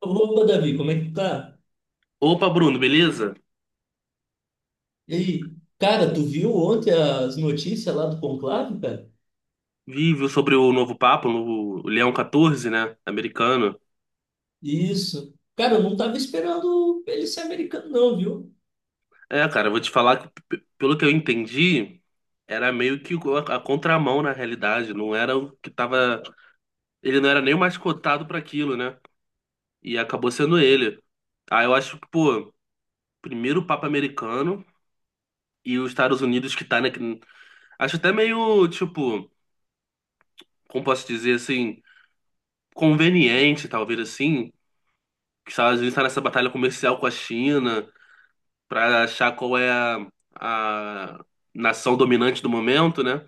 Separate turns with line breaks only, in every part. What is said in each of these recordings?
Opa, Davi, como é que tá?
Opa, Bruno, beleza?
E aí? Cara, tu viu ontem as notícias lá do Conclave, cara?
Vi, viu sobre o novo Papa, o novo Leão 14, né? Americano.
Isso. Cara, eu não tava esperando ele ser americano, não, viu?
É, cara, eu vou te falar que, pelo que eu entendi, era meio que a contramão na realidade. Não era o que tava. Ele não era nem o mais cotado para aquilo, né? E acabou sendo ele. Ah, eu acho que, pô, primeiro o Papa americano e os Estados Unidos que tá, né? Acho até meio, tipo, como posso dizer assim, conveniente, talvez assim. Que os Estados Unidos tá nessa batalha comercial com a China, para achar qual é a nação dominante do momento, né?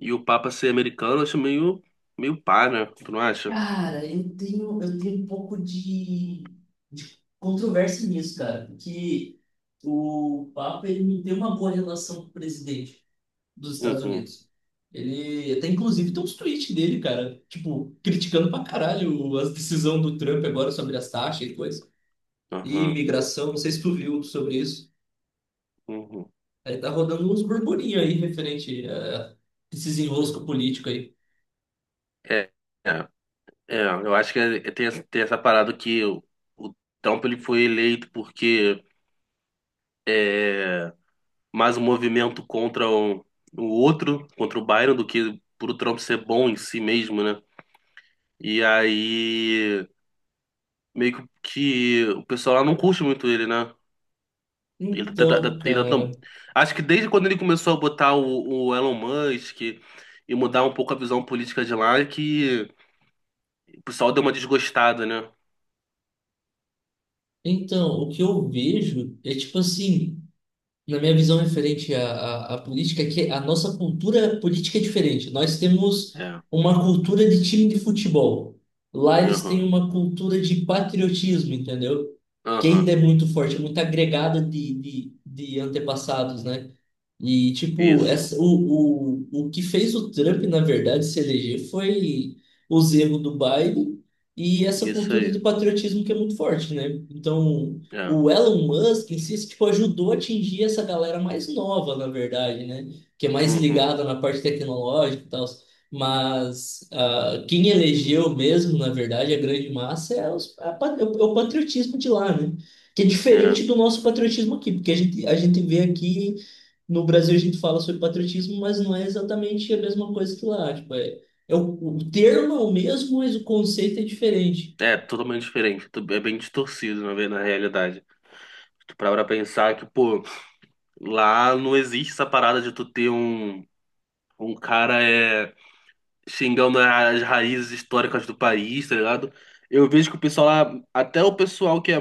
E o Papa ser americano, eu acho meio, meio pá, né? Tu não acha?
Cara, eu tenho um pouco de controvérsia nisso, cara, porque o Papa ele não tem uma boa relação com o presidente dos Estados
Uhum,
Unidos. Ele até inclusive tem uns tweets dele, cara, tipo, criticando pra caralho as decisões do Trump agora sobre as taxas e coisa e
uhum,
imigração, não sei se tu viu sobre isso.
uhum.
Aí tá rodando uns burburinhos aí referente a esses enroscos políticos aí.
É, é, é, eu acho que essa tem essa parada que o Trump, ele foi eleito porque é mais um movimento contra o outro, contra o Biden, do que por o Trump ser bom em si mesmo, né? E aí, meio que o pessoal lá não curte muito ele, né? Ele
Então, cara,
acho que desde quando ele começou a botar o Elon Musk e mudar um pouco a visão política de lá, é que o pessoal deu uma desgostada, né?
então, o que eu vejo é tipo assim, na minha visão referente à política, é que a nossa cultura política é diferente. Nós temos
É.
uma cultura de time de futebol. Lá eles têm
Aham.
uma cultura de patriotismo, entendeu? Que
Aham.
ainda é muito forte, é muito agregada de antepassados, né? E, tipo,
Isso.
o que fez o Trump, na verdade, se eleger foi os erros do Biden e essa
Isso
cultura de
aí.
patriotismo que é muito forte, né? Então,
É.
o Elon Musk em si, tipo, ajudou a atingir essa galera mais nova, na verdade, né? Que é mais
Uhum.
ligada na parte tecnológica e tal. Mas quem elegeu mesmo, na verdade, a grande massa é, os, a pa- é o é o patriotismo de lá, né? Que é
É.
diferente do nosso patriotismo aqui, porque a gente vê aqui no Brasil a gente fala sobre patriotismo, mas não é exatamente a mesma coisa que lá. Tipo, o termo é o mesmo, mas o conceito é diferente.
É totalmente diferente. É bem distorcido, na realidade. Tu para pra pensar que, pô, lá não existe essa parada de tu ter um cara xingando as raízes históricas do país, tá ligado? Eu vejo que o pessoal lá, até o pessoal que é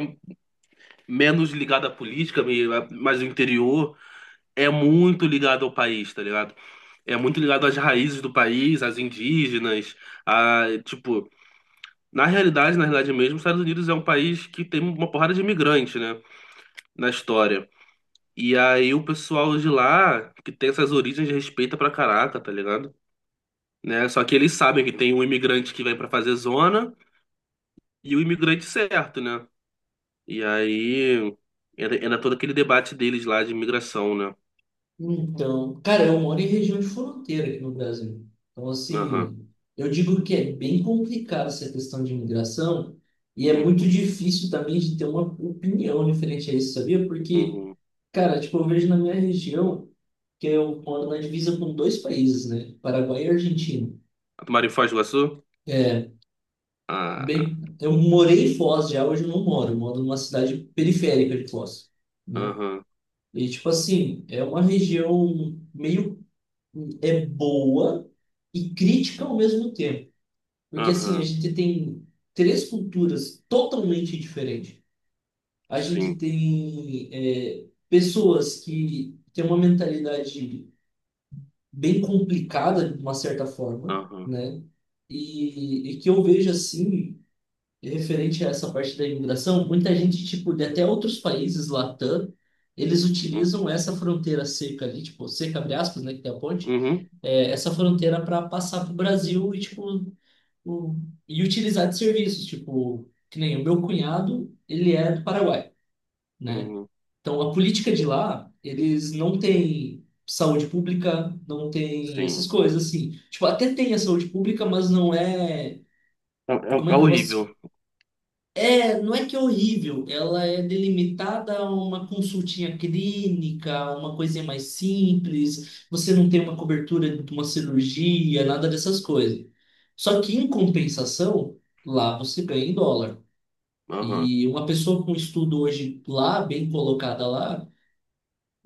menos ligado à política, mais do interior, é muito ligado ao país, tá ligado? É muito ligado às raízes do país, às indígenas, a, tipo, na realidade mesmo, os Estados Unidos é um país que tem uma porrada de imigrantes, né, na história. E aí o pessoal de lá, que tem essas origens, respeita pra caraca, tá ligado? Né? Só que eles sabem que tem um imigrante que vem pra fazer zona. E o imigrante certo, né? E aí era todo aquele debate deles lá de imigração, né?
Então, cara, eu moro em região de fronteira aqui no Brasil. Então,
Aham,
assim, eu digo que é bem complicado essa questão de imigração e é muito
uhum,
difícil também de ter uma opinião diferente a isso, sabia? Porque,
uhum.
cara, tipo, eu vejo na minha região que eu moro na divisa com dois países, né? Paraguai e Argentina.
A Em Foz do Iguaçu?
É,
Ah,
bem, eu morei em Foz já, hoje eu não moro, eu moro numa cidade periférica de Foz, né?
aham,
E tipo assim, é uma região meio é boa e crítica ao mesmo tempo, porque assim, a
aham,
gente tem três culturas totalmente diferentes. A gente
sim,
tem pessoas que têm uma mentalidade bem complicada de uma certa forma,
aham,
né? E que eu vejo assim. E referente a essa parte da imigração, muita gente, tipo, de até outros países, Latam, eles
hum,
utilizam essa fronteira seca ali, tipo, seca, abre aspas, né, que tem a ponte,
uhum,
essa fronteira para passar para o Brasil e, tipo, o, e utilizar de serviços, tipo, que nem o meu cunhado, ele é do Paraguai, né?
uhum,
Então, a política de lá, eles não têm saúde pública, não tem essas
sim.
coisas, assim. Tipo, até tem a saúde pública, mas não é...
É,
Como é
é
que eu posso...
horrível.
Não é que é horrível, ela é delimitada a uma consultinha clínica, a uma coisinha mais simples, você não tem uma cobertura de uma cirurgia, nada dessas coisas. Só que em compensação, lá você ganha em dólar.
Aham,
E uma pessoa com estudo hoje lá, bem colocada lá,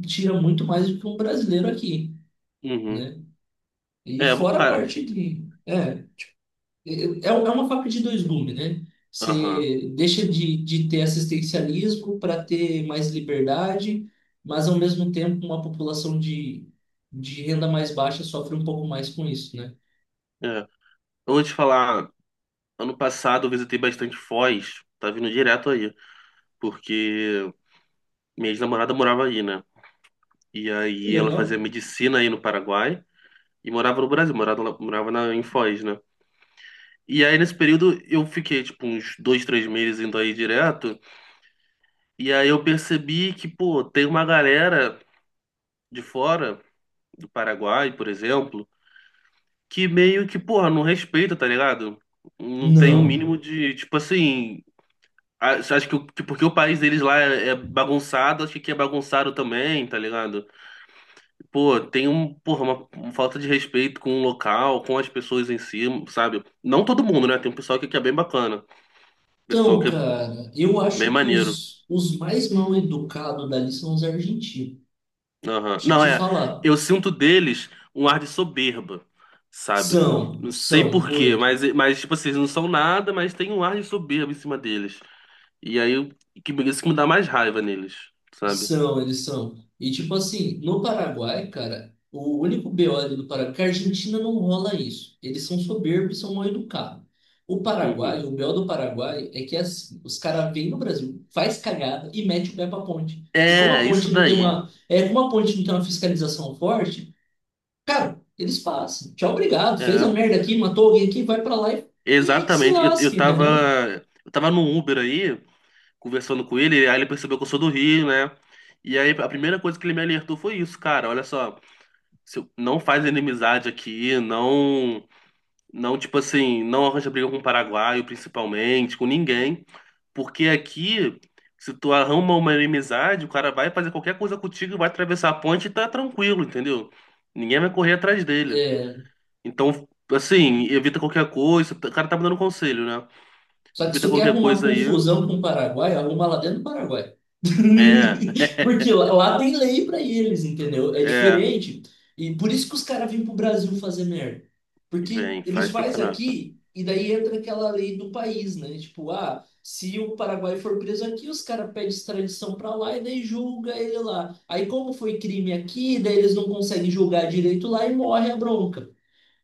tira muito mais do que um brasileiro aqui,
uhum.
né? E
É,
fora a
cara,
parte de... É. É é uma faca de dois gumes, né?
aham,
Você deixa de ter assistencialismo para ter mais liberdade, mas ao mesmo tempo uma população de renda mais baixa sofre um pouco mais com isso, né?
é. Eu vou te falar, ano passado eu visitei bastante Foz, tá vindo direto aí, porque minha ex-namorada morava aí, né? E
É
aí ela
legal?
fazia medicina aí no Paraguai. E morava no Brasil, morava, lá- morava na, em Foz, né? E aí, nesse período, eu fiquei, tipo, uns dois, três meses indo aí direto. E aí eu percebi que, pô, tem uma galera de fora, do Paraguai, por exemplo, que meio que, porra, não respeita, tá ligado? Não tem um
Não.
mínimo de, tipo assim. Acho que, porque o país deles lá é bagunçado, acho que aqui é bagunçado também, tá ligado? Pô, tem um, porra, uma falta de respeito com o local, com as pessoas em si, sabe? Não todo mundo, né? Tem um pessoal aqui que é bem bacana, pessoal
Então,
que é
cara, eu
bem
acho que
maneiro.
os mais mal educados dali são os argentinos.
Aham.
Te,
Não,
te
é,
falar.
eu sinto deles um ar de soberba, sabe?
São,
Não sei
são,
por quê,
muito.
mas, tipo assim, eles não são nada, mas tem um ar de soberba em cima deles. E aí, isso que me dá mais raiva neles, sabe?
São, eles são. E tipo assim, no Paraguai, cara, o único BO ali do Paraguai, que a Argentina não rola isso. Eles são soberbos, e são mal educados. O Paraguai,
Uhum.
o BO do Paraguai é que é assim, os caras vêm no Brasil, faz cagada e mete o pé pra ponte. E como a
É, isso
ponte não tem
daí.
uma, é, como a ponte não tem uma fiscalização forte, cara, eles passam. Tchau, obrigado. Fez a
É,
merda aqui, matou alguém aqui, vai pra lá e que se
exatamente.
lasque, entendeu?
Eu tava no Uber aí, conversando com ele, aí ele percebeu que eu sou do Rio, né? E aí a primeira coisa que ele me alertou foi isso: cara, olha só, se eu- não faz inimizade aqui, não, não tipo assim, não arranja briga com o paraguaio, principalmente, com ninguém, porque aqui se tu arruma uma inimizade, o cara vai fazer qualquer coisa contigo, vai atravessar a ponte e tá tranquilo, entendeu? Ninguém vai correr atrás dele.
É,
Então, assim, evita qualquer coisa, o cara tá me dando conselho, né?
só que se
Evita
tu quer
qualquer
arrumar
coisa aí.
confusão com o Paraguai, arruma lá dentro do Paraguai.
É,
Porque lá tem lei para eles, entendeu? É
é.
diferente. E por isso que os caras vêm pro Brasil fazer merda. Porque
Vem,
eles
faz pra
fazem
caraca.
aqui e daí entra aquela lei do país, né? Tipo, se o Paraguai for preso aqui, os caras pedem extradição para lá e daí julga ele lá. Aí como foi crime aqui, daí eles não conseguem julgar direito lá e morre a bronca.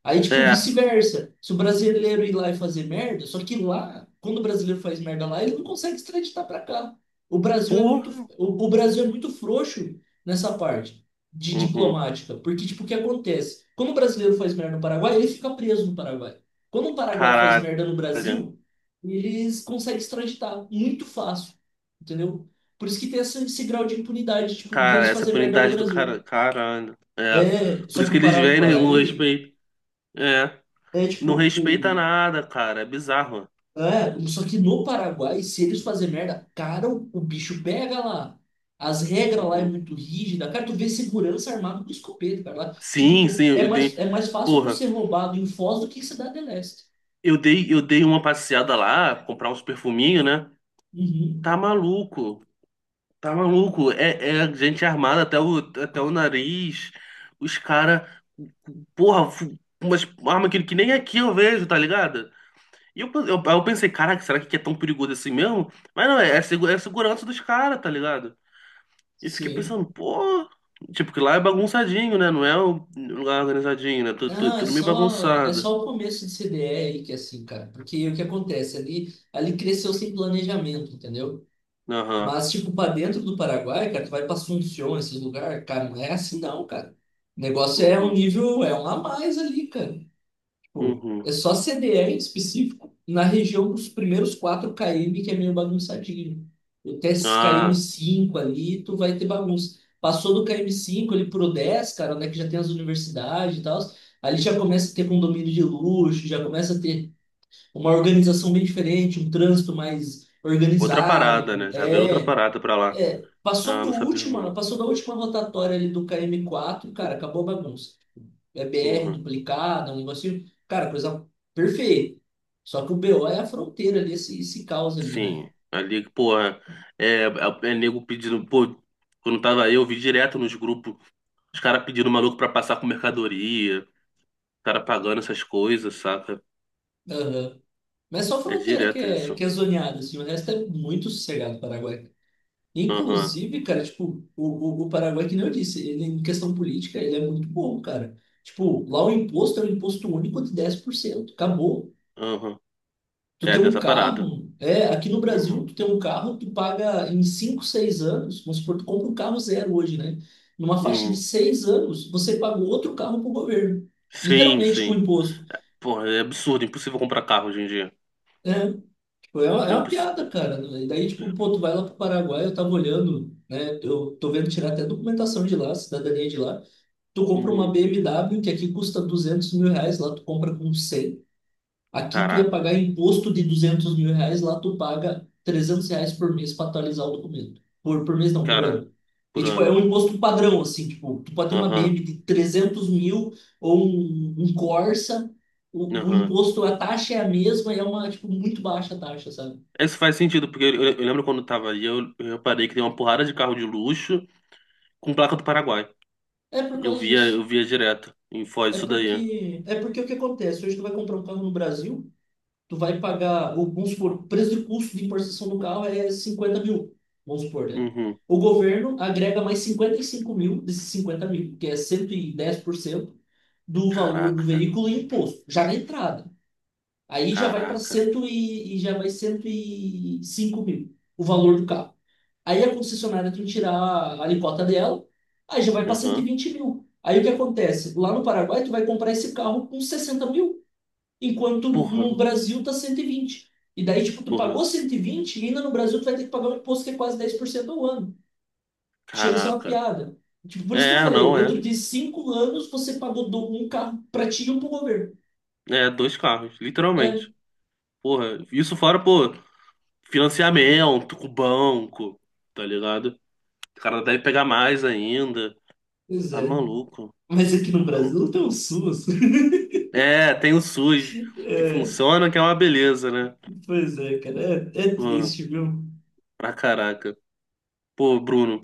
Aí, tipo,
É,
vice-versa. Se o brasileiro ir lá e fazer merda, só que lá, quando o brasileiro faz merda lá, ele não consegue extraditar para cá. O Brasil é muito,
porra.
o Brasil é muito frouxo nessa parte de
Uhum.
diplomática, porque, tipo, o que acontece? Quando o brasileiro faz merda no Paraguai, ele fica preso no Paraguai. Quando o Paraguai faz
Caralho.
merda no Brasil, eles conseguem extraditar muito fácil, entendeu? Por isso que tem esse grau de impunidade, tipo,
Cara,
deles
essa
fazer merda no
punidade do
Brasil.
cara. Caralho. É.
É,
Por
só
isso
que
que
o
eles vêm, né? Não
Paraguai
respeita. É.
é
Não
tipo,
respeita
o,
nada, cara. É bizarro.
É, só que no Paraguai, se eles fazerem merda, cara, o bicho pega lá. As regras lá é
Uhum.
muito rígida. Cara, tu vê segurança armado com escopeta, cara. Lá, tipo,
Sim,
tu,
sim,
é
eu
mais,
dei.
é mais fácil tu
Porra,
ser roubado em Foz do que em Cidade Leste.
eu dei uma passeada lá, comprar uns perfuminhos, né? Tá
Uhum.
maluco. Tá maluco? É, é gente armada até o, até o nariz. Os caras. Porra, umas arma que nem aqui eu vejo, tá ligado? E eu pensei, caraca, será que aqui é tão perigoso assim mesmo? Mas não, é, é, é a segurança dos caras, tá ligado? E eu fiquei
Sim.
pensando, pô. Tipo, que lá é bagunçadinho, né? Não é um lugar organizadinho, né? Tudo, tudo,
Ah, é
tudo meio
só, é
bagunçado.
só o começo de CDE aí que é assim, cara. Porque o que acontece? Ali cresceu sem planejamento, entendeu?
Aham.
Mas, tipo, pra dentro do Paraguai, cara, tu vai pra Assunción, esses lugares, cara, não é assim não, cara. O negócio é um
Uhum.
nível, é um a mais ali, cara. Tipo,
Uhum.
é só CDE em específico na região dos primeiros 4 km, que é meio bagunçadinho. Até esses
Ah,
km 5 ali, tu vai ter bagunça. Passou do km 5 ali pro 10, cara, onde é que já tem as universidades e tal, ali já começa a ter condomínio de luxo, já começa a ter uma organização bem diferente, um trânsito mais
outra parada,
organizado.
né? Já virou outra parada pra lá.
É, passou
Ah,
do
não sabia
último,
não.
passou da última rotatória ali do km quatro cara, acabou a bagunça. É BR
Uhum.
duplicada, um negocinho, cara, coisa perfeita. Só que o BO é a fronteira ali, esse caos ali, né?
Sim, ali, porra, é, é, é nego pedindo, pô, quando tava aí, eu vi direto nos grupos, os caras pedindo maluco pra passar com mercadoria, os cara pagando essas coisas, saca?
Aham. Mas só a
É
fronteira que
direto
é,
isso.
que é zoneada, assim, o resto é muito sossegado o Paraguai.
Aham,
Inclusive, cara, tipo, o Paraguai, que nem eu disse, ele em questão política, ele é muito bom, cara. Tipo, lá o imposto é um imposto único de 10%. Acabou.
aham.
Tu
É,
tem
tem
um
essa parada.
carro, aqui no Brasil,
Uhum,
tu tem um carro, tu paga em 5 6 anos, vamos supor, tu compra um carro zero hoje, né? Numa faixa de
uhum.
6 anos, você paga outro carro pro governo.
Sim,
Literalmente com
sim.
imposto.
Porra, é absurdo, impossível comprar carro hoje em dia.
É, tipo, é uma,
É
é uma
imposs...
piada, cara. E daí, tipo, pô, tu vai lá pro Paraguai, eu tava olhando, né? Eu tô vendo tirar até documentação de lá, cidadania de lá. Tu compra uma
Uhum.
BMW que aqui custa R$ 200.000, lá tu compra com 100. Aqui tu ia
Caraca,
pagar imposto de R$ 200.000, lá tu paga R$ 300 por mês para atualizar o documento. Por mês não, por
cara,
ano. E,
por
tipo, é
ano.
um imposto padrão, assim, tipo, tu pode ter uma
Aham,
BM de 300 mil ou um Corsa, o
aham.
imposto, a taxa é a mesma e é uma, tipo, muito baixa a taxa, sabe?
Isso faz sentido, porque eu lembro quando eu tava aí, eu reparei que tem uma porrada de carro de luxo com placa do Paraguai.
É por causa
Eu
disso.
via direto em Foz
É
isso daí.
porque, é porque o que acontece? Hoje tu vai comprar um carro no Brasil, tu vai pagar, vamos supor, o preço de custo de importação do carro é 50 mil, vamos supor, né?
Uhum.
O governo agrega mais 55 mil desses 50 mil, que é 110% do valor do
Caraca,
veículo e imposto, já na entrada. Aí já vai para
caraca.
cento e já vai 105 mil o valor do carro. Aí a concessionária tem que tirar a alíquota dela, aí já vai para cento e
Uhum.
vinte mil. Aí o que acontece? Lá no Paraguai, tu vai comprar esse carro com 60 mil enquanto
Porra,
no Brasil tá 120 e daí, tipo, tu
porra,
pagou 120 e ainda no Brasil tu vai ter que pagar um imposto que é quase 10% ao ano, que chega a ser uma
caraca.
piada. Tipo, por isso que eu
É,
falei,
não é.
dentro de 5 anos você pagou um carro pra ti e um pro governo.
É, dois carros,
É,
literalmente. Porra, isso fora, pô, financiamento com o banco, tá ligado? O cara deve pegar mais ainda.
pois
Tá
é.
maluco.
Mas aqui no
Tá ma-
Brasil não tem um SUS.
É, tem o SUS, que
É,
funciona, que é uma beleza, né?
pois é, cara. É
Pô,
triste, viu?
pra caraca. Pô, Bruno,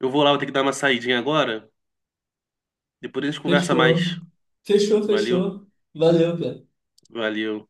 eu vou lá, vou ter que dar uma saidinha agora. Depois a gente conversa
Fechou.
mais.
Fechou,
Valeu.
fechou. Valeu, cara.
Valeu.